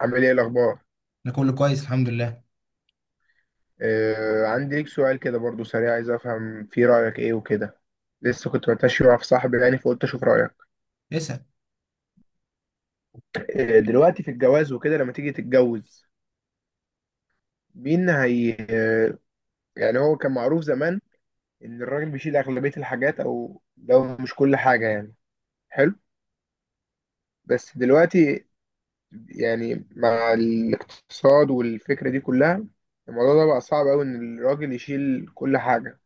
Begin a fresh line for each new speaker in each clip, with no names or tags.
عامل ايه الاخبار؟
انا كله كويس الحمد لله.
آه، عندي ليك سؤال كده برضو سريع. عايز افهم فيه رايك ايه وكده. لسه كنت بتمشي مع صاحبي يعني، فقلت اشوف رايك.
اسأل.
آه، دلوقتي في الجواز وكده لما تيجي تتجوز. مين هي يعني؟ هو كان معروف زمان ان الراجل بيشيل اغلبيه الحاجات او لو مش كل حاجه يعني. حلو. بس دلوقتي، يعني مع الاقتصاد والفكره دي كلها، الموضوع ده بقى صعب قوي ان الراجل يشيل كل حاجه.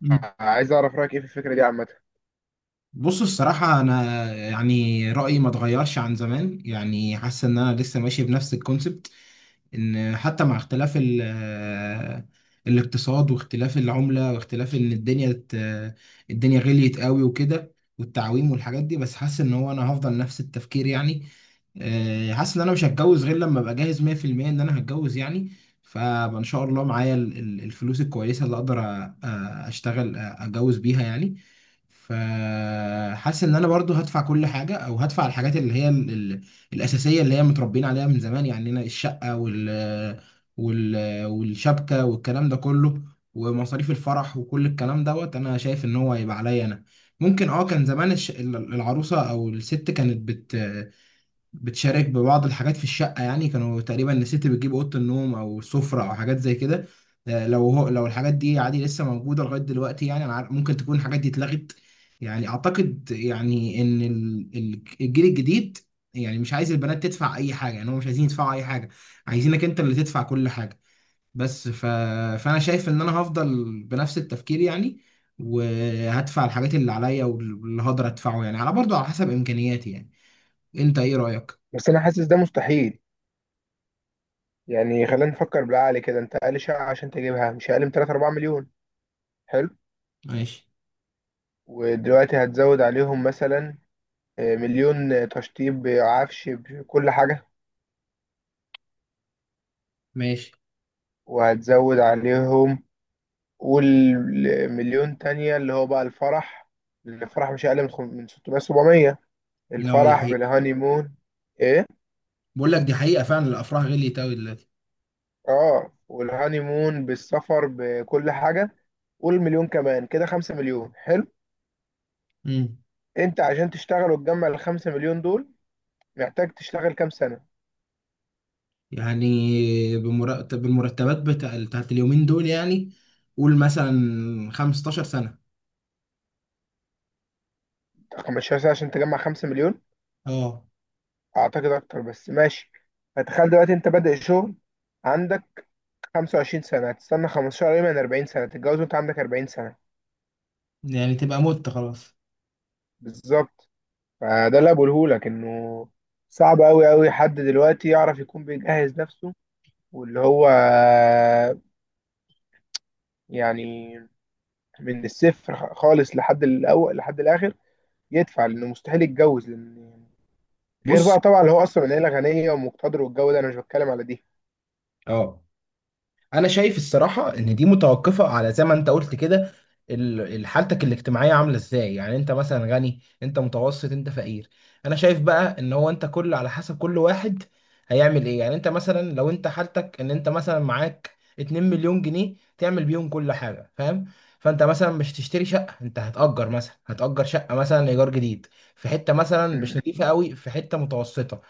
مم.
عايز اعرف رايك ايه في الفكره دي عامه.
بص، الصراحة أنا يعني رأيي ما اتغيرش عن زمان، يعني حاسس إن أنا لسه ماشي بنفس الكونسبت. ان حتى مع اختلاف الاقتصاد واختلاف العملة واختلاف ان الدنيا الدنيا غليت قوي وكده، والتعويم والحاجات دي. بس حاسس ان هو انا هفضل نفس التفكير يعني. حاسس ان انا مش هتجوز غير لما ابقى جاهز 100% ان انا هتجوز يعني. فان شاء الله معايا الفلوس الكويسة اللي اقدر اشتغل اتجوز بيها يعني. فحاسس ان انا برضو هدفع كل حاجة او هدفع الحاجات اللي هي الاساسيه، اللي هي متربيين عليها من زمان يعني، هنا الشقه وال والشبكه والكلام ده كله، ومصاريف الفرح وكل الكلام دوت. انا شايف ان هو هيبقى عليا انا. ممكن اه، كان زمان العروسه او الست كانت بتشارك ببعض الحاجات في الشقة، يعني كانوا تقريبا الست بتجيب أوضة النوم أو سفرة أو حاجات زي كده. لو هو لو الحاجات دي عادي لسه موجودة لغاية دلوقتي، يعني أنا عارف ممكن تكون الحاجات دي اتلغت. يعني أعتقد يعني إن الجيل الجديد يعني مش عايز البنات تدفع أي حاجة، يعني هم مش عايزين يدفعوا أي حاجة، عايزينك أنت اللي تدفع كل حاجة. بس فأنا شايف إن أنا هفضل بنفس التفكير يعني، وهدفع الحاجات اللي عليا واللي هقدر أدفعه يعني، على برضه على حسب إمكانياتي يعني. أنت إيه رأيك؟
بس انا حاسس ده مستحيل. يعني خلينا نفكر بالعقل كده، انت اقل شقة عشان تجيبها مش اقل من 3 4 مليون. حلو.
ماشي.
ودلوقتي هتزود عليهم مثلا مليون، تشطيب بعفش بكل حاجة.
ماشي.
وهتزود عليهم، قول مليون تانية اللي هو بقى الفرح. الفرح مش اقل من من 600 700.
لا، دي
الفرح
حقيقة.
بالهاني مون. ايه؟
بقول لك دي حقيقة، فعلا الأفراح غليت أوي دلوقتي.
اه، والهاني مون بالسفر بكل حاجة، قول مليون كمان كده 5 مليون. حلو.
امم.
انت عشان تشتغل وتجمع ال 5 مليون دول محتاج تشتغل كام سنة؟
يعني بمرتب، المرتبات بتاعت اليومين دول يعني، قول مثلا 15 سنة.
15 سنة عشان تجمع 5 مليون؟
اه،
أعتقد أكتر بس ماشي. فتخيل دلوقتي أنت بادئ شغل، عندك 25 سنة، هتستنى 15، قريب من 40 سنة تتجوز وأنت عندك 40 سنة.
يعني تبقى مت خلاص.
بالظبط. فده اللي بقولهولك إنه صعب أوي أوي حد دلوقتي يعرف يكون بيجهز نفسه، واللي هو يعني من الصفر خالص لحد الأول لحد الآخر يدفع، لأنه مستحيل يتجوز لأن غير
بص.
بقى طبعا اللي هو أصلا من عيلة غنية ومقتدر والجو ده، أنا مش بتكلم على
اه، انا شايف الصراحه ان دي متوقفه على زي ما انت قلت كده. حالتك الاجتماعيه عامله ازاي، يعني انت مثلا غني، انت متوسط، انت فقير. انا شايف بقى ان هو انت كل على حسب كل واحد هيعمل ايه. يعني انت مثلا لو انت حالتك ان انت مثلا معاك 2 مليون جنيه تعمل بيهم كل حاجه، فاهم؟ فانت مثلا مش تشتري شقه، انت هتأجر مثلا، هتأجر شقه مثلا ايجار جديد في حته
دي.
مثلا مش نظيفه قوي، في حته متوسطه.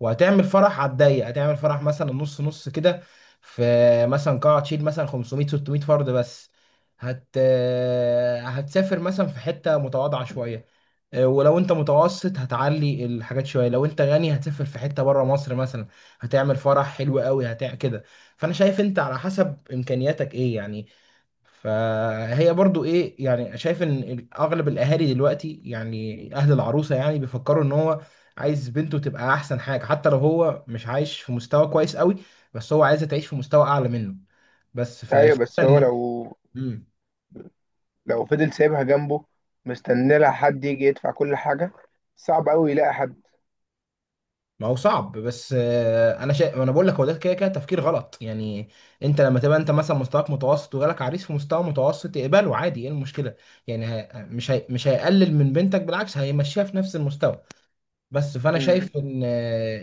وهتعمل فرح على الضيق، هتعمل فرح مثلا نص نص كده، في مثلا قاعة تشيل مثلا 500 600 فرد بس، هت آه، هتسافر مثلا في حتة متواضعة شوية. ولو انت متوسط هتعلي الحاجات شويه، لو انت غني هتسافر في حته بره مصر مثلا، هتعمل فرح حلو قوي كده. فانا شايف انت على حسب امكانياتك ايه يعني. فهي برضو ايه، يعني شايف ان اغلب الاهالي دلوقتي يعني، اهل العروسه يعني، بيفكروا ان هو عايز بنته تبقى احسن حاجه، حتى لو هو مش عايش في مستوى كويس قوي، بس هو عايزها تعيش في مستوى اعلى منه. بس
ايوه
فالفكره
بس هو
ان،
لو،
مم.
لو فضل سايبها جنبه مستني لها حد يجي يدفع كل حاجه، صعب قوي يلاقي حد.
ما هو صعب بس، انا بقول لك هو ده كده كده تفكير غلط يعني. انت لما تبقى انت مثلا مستواك متوسط وجالك عريس في مستوى متوسط، اقبله عادي، ايه المشكله؟ يعني ه... مش هي... مش هيقلل من بنتك، بالعكس هيمشيها في نفس المستوى. بس فانا
امم.
شايف ان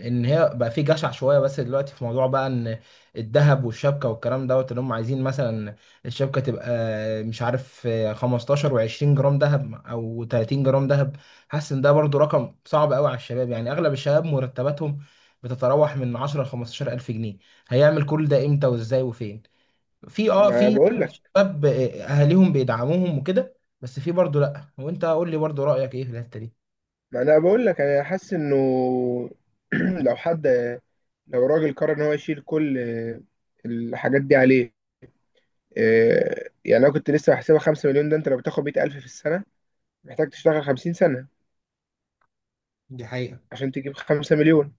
ان هي بقى في جشع شويه. بس دلوقتي في موضوع بقى ان الذهب والشبكه والكلام دوت اللي هم عايزين مثلا الشبكه تبقى، مش عارف، 15 و20 جرام ذهب او 30 جرام ذهب. حاسس ان ده برضو رقم صعب قوي على الشباب، يعني اغلب الشباب مرتباتهم بتتراوح من 10 ل 15 الف جنيه. هيعمل كل ده امتى وازاي وفين؟ في اه
ما
في
بقول لك،
شباب اهاليهم بيدعموهم وكده، بس في برضو لا، وانت قول لي برضو رايك ايه في الحته دي.
ما انا بقول لك انا حاسس انه لو حد، لو راجل قرر ان هو يشيل كل الحاجات دي عليه، يعني انا كنت لسه بحسبها 5 مليون. ده انت لو بتاخد 100,000 في السنه محتاج تشتغل 50 سنه
دي حقيقة.
عشان تجيب 5 مليون.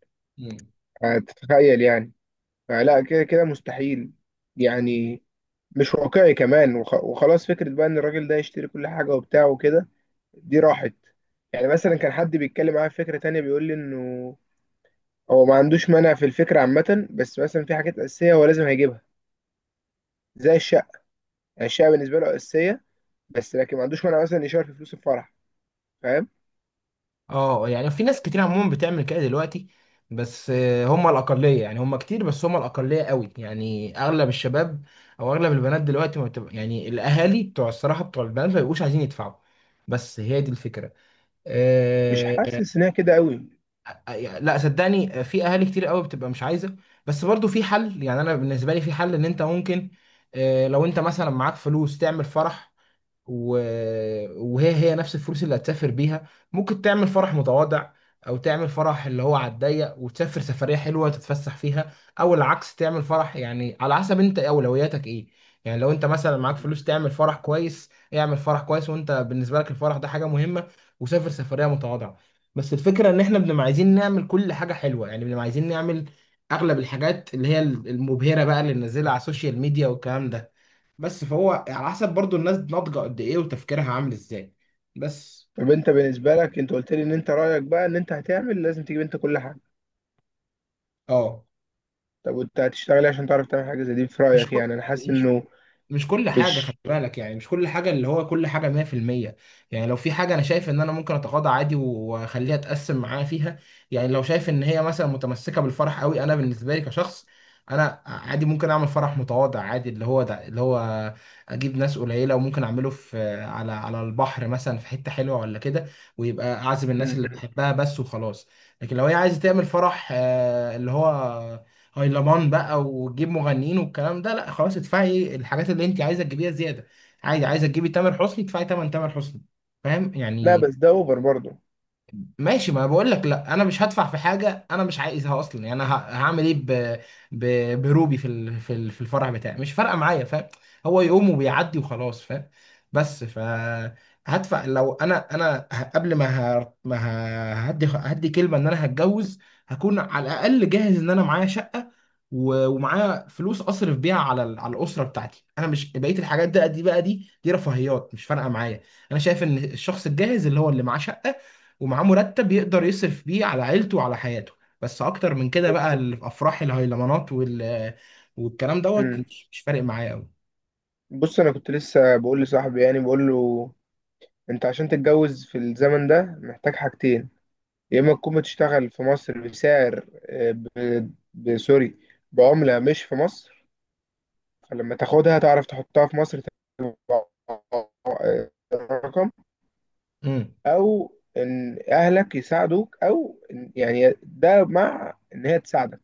هتتخيل يعني. فلا كده كده مستحيل، يعني مش واقعي كمان. وخلاص، فكرة بقى ان الراجل ده يشتري كل حاجة وبتاع وكده دي راحت. يعني مثلا كان حد بيتكلم معايا في فكرة تانية بيقول لي انه هو ما عندوش مانع في الفكرة عامة، بس مثلا في حاجات أساسية هو لازم هيجيبها زي الشقة. يعني الشقة بالنسبة له أساسية، بس لكن ما عندوش مانع مثلا يشارك في فلوس الفرح. فاهم؟
اه، يعني في ناس كتير عموما بتعمل كده دلوقتي، بس هم الأقلية، يعني هم كتير بس هم الأقلية قوي يعني. أغلب الشباب أو أغلب البنات دلوقتي ما بتبقى، يعني الأهالي بتوع الصراحة بتوع البنات ما بيبقوش عايزين يدفعوا. بس هي دي الفكرة.
مش
آه.
حاسس ان هي كده قوي.
لا، صدقني، في أهالي كتير قوي بتبقى مش عايزة. بس برضو في حل، يعني أنا بالنسبة لي في حل إن أنت ممكن، لو أنت مثلا معاك فلوس تعمل فرح و... وهي هي نفس الفلوس اللي هتسافر بيها. ممكن تعمل فرح متواضع، او تعمل فرح اللي هو على الضيق وتسافر سفرية حلوة تتفسح فيها، او العكس تعمل فرح. يعني على حسب انت اولوياتك ايه. يعني لو انت مثلا معاك فلوس تعمل فرح كويس، اعمل فرح كويس، وانت بالنسبة لك الفرح ده حاجة مهمة، وسافر سفرية متواضعة. بس الفكرة ان احنا بنبقى عايزين نعمل كل حاجة حلوة، يعني بنبقى عايزين نعمل اغلب الحاجات اللي هي المبهرة بقى، اللي ننزلها على السوشيال ميديا والكلام ده. بس فهو على حسب برضو الناس ناضجة قد ايه وتفكيرها عامل ازاي. بس.
طب انت بالنسبة لك، انت قلت لي ان انت رأيك بقى ان انت هتعمل لازم تجيب انت كل حاجة.
اه.
طب وانت هتشتغلي عشان تعرف تعمل حاجة زي دي؟ في
مش
رأيك،
كل
يعني انا حاسس
مش
انه
مش كل حاجة، خلي
مش.
بالك، يعني مش كل حاجة اللي هو كل حاجة 100%. يعني لو في حاجة أنا شايف إن أنا ممكن أتغاضى عادي وأخليها أتقسم معاها فيها. يعني لو شايف إن هي مثلا متمسكة بالفرح قوي، أنا بالنسبة لي كشخص، أنا عادي ممكن أعمل فرح متواضع عادي، اللي هو ده اللي هو أجيب ناس قليلة، وممكن أعمله في، على البحر مثلا، في حتة حلوة ولا كده، ويبقى أعزم الناس
مم.
اللي بحبها بس وخلاص. لكن لو هي عايزة تعمل فرح، اللي هو هايلمان بقى وتجيب مغنيين والكلام ده، لا خلاص، ادفعي الحاجات اللي انت عايزه تجيبيها زياده. عادي، عايزه تجيبي تامر حسني، ادفعي تمن تامر حسني، فاهم
لا،
يعني.
بس ده اوفر برضه.
ماشي. ما بقول لك لا، انا مش هدفع في حاجه انا مش عايزها اصلا. يعني انا هعمل ايه ب... بروبي في الفرح بتاعي، مش فارقه معايا، فاهم؟ هو يقوم وبيعدي وخلاص، فاهم. بس هدفع. لو انا قبل ما هدي كلمه ان انا هتجوز، هكون على الاقل جاهز ان انا معايا شقه ومعايا فلوس اصرف بيها على الاسره بتاعتي انا، مش بقيه الحاجات ده، دي بقى دي رفاهيات مش فارقه معايا. انا شايف ان الشخص الجاهز، اللي هو اللي معاه شقه ومعاه مرتب يقدر يصرف بيه على عيلته وعلى حياته. بس اكتر من كده
ب-.
بقى الافراح، الهيلمانات والكلام دوت،
مم.
مش فارق معايا قوي.
بص، انا كنت لسه بقول لصاحبي، يعني بقول له انت عشان تتجوز في الزمن ده محتاج حاجتين. يا اما تكون بتشتغل في مصر بسعر سوري، بعملة مش في مصر، فلما تاخدها تعرف تحطها في مصر تبقى رقم.
امم.
او ان اهلك يساعدوك، او يعني ده مع ان هي تساعدك.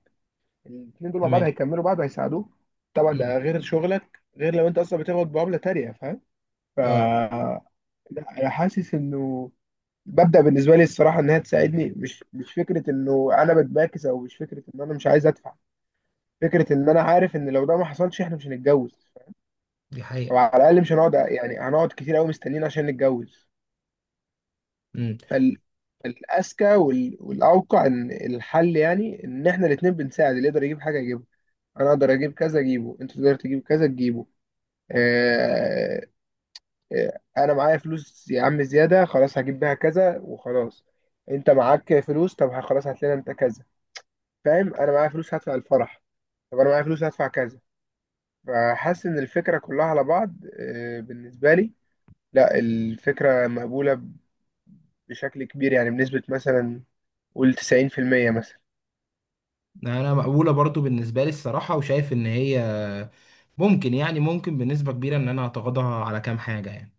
الاثنين دول مع بعض
ماشي.
هيكملوا بعض وهيساعدوك. طبعا
امم.
ده غير شغلك، غير لو انت اصلا بتاخد بعمله تانية. فاهم؟ ف.
اه،
لا، انا حاسس انه مبدأ بالنسبه لي الصراحه انها تساعدني، مش فكره انه انا بتباكس، او مش فكره ان انا مش عايز ادفع. فكره ان انا عارف ان لو ده ما حصلش احنا مش هنتجوز،
دي
او
حقيقة.
على الاقل مش هنقعد، يعني هنقعد كتير قوي مستنيين عشان نتجوز.
امم.
فال الأذكى والأوقع إن الحل، يعني إن إحنا الاتنين بنساعد. اللي يقدر يجيب حاجة يجيبها، أنا أقدر أجيب كذا أجيبه، أنت تقدر تجيب كذا تجيبه. آه، انا معايا فلوس يا عم زياده، خلاص هجيب بيها كذا وخلاص. انت معاك فلوس طب خلاص هات لنا انت كذا. فاهم؟ انا معايا فلوس هدفع الفرح، طب انا معايا فلوس هدفع كذا. فحاسس ان الفكره كلها على بعض بالنسبه لي. لا، الفكره مقبوله بشكل كبير، يعني بنسبه مثلا قول 90% مثلا.
انا مقبولة برضو بالنسبة لي الصراحة، وشايف ان هي ممكن، يعني ممكن بنسبة كبيرة، ان انا اتغاضى على كام حاجة يعني.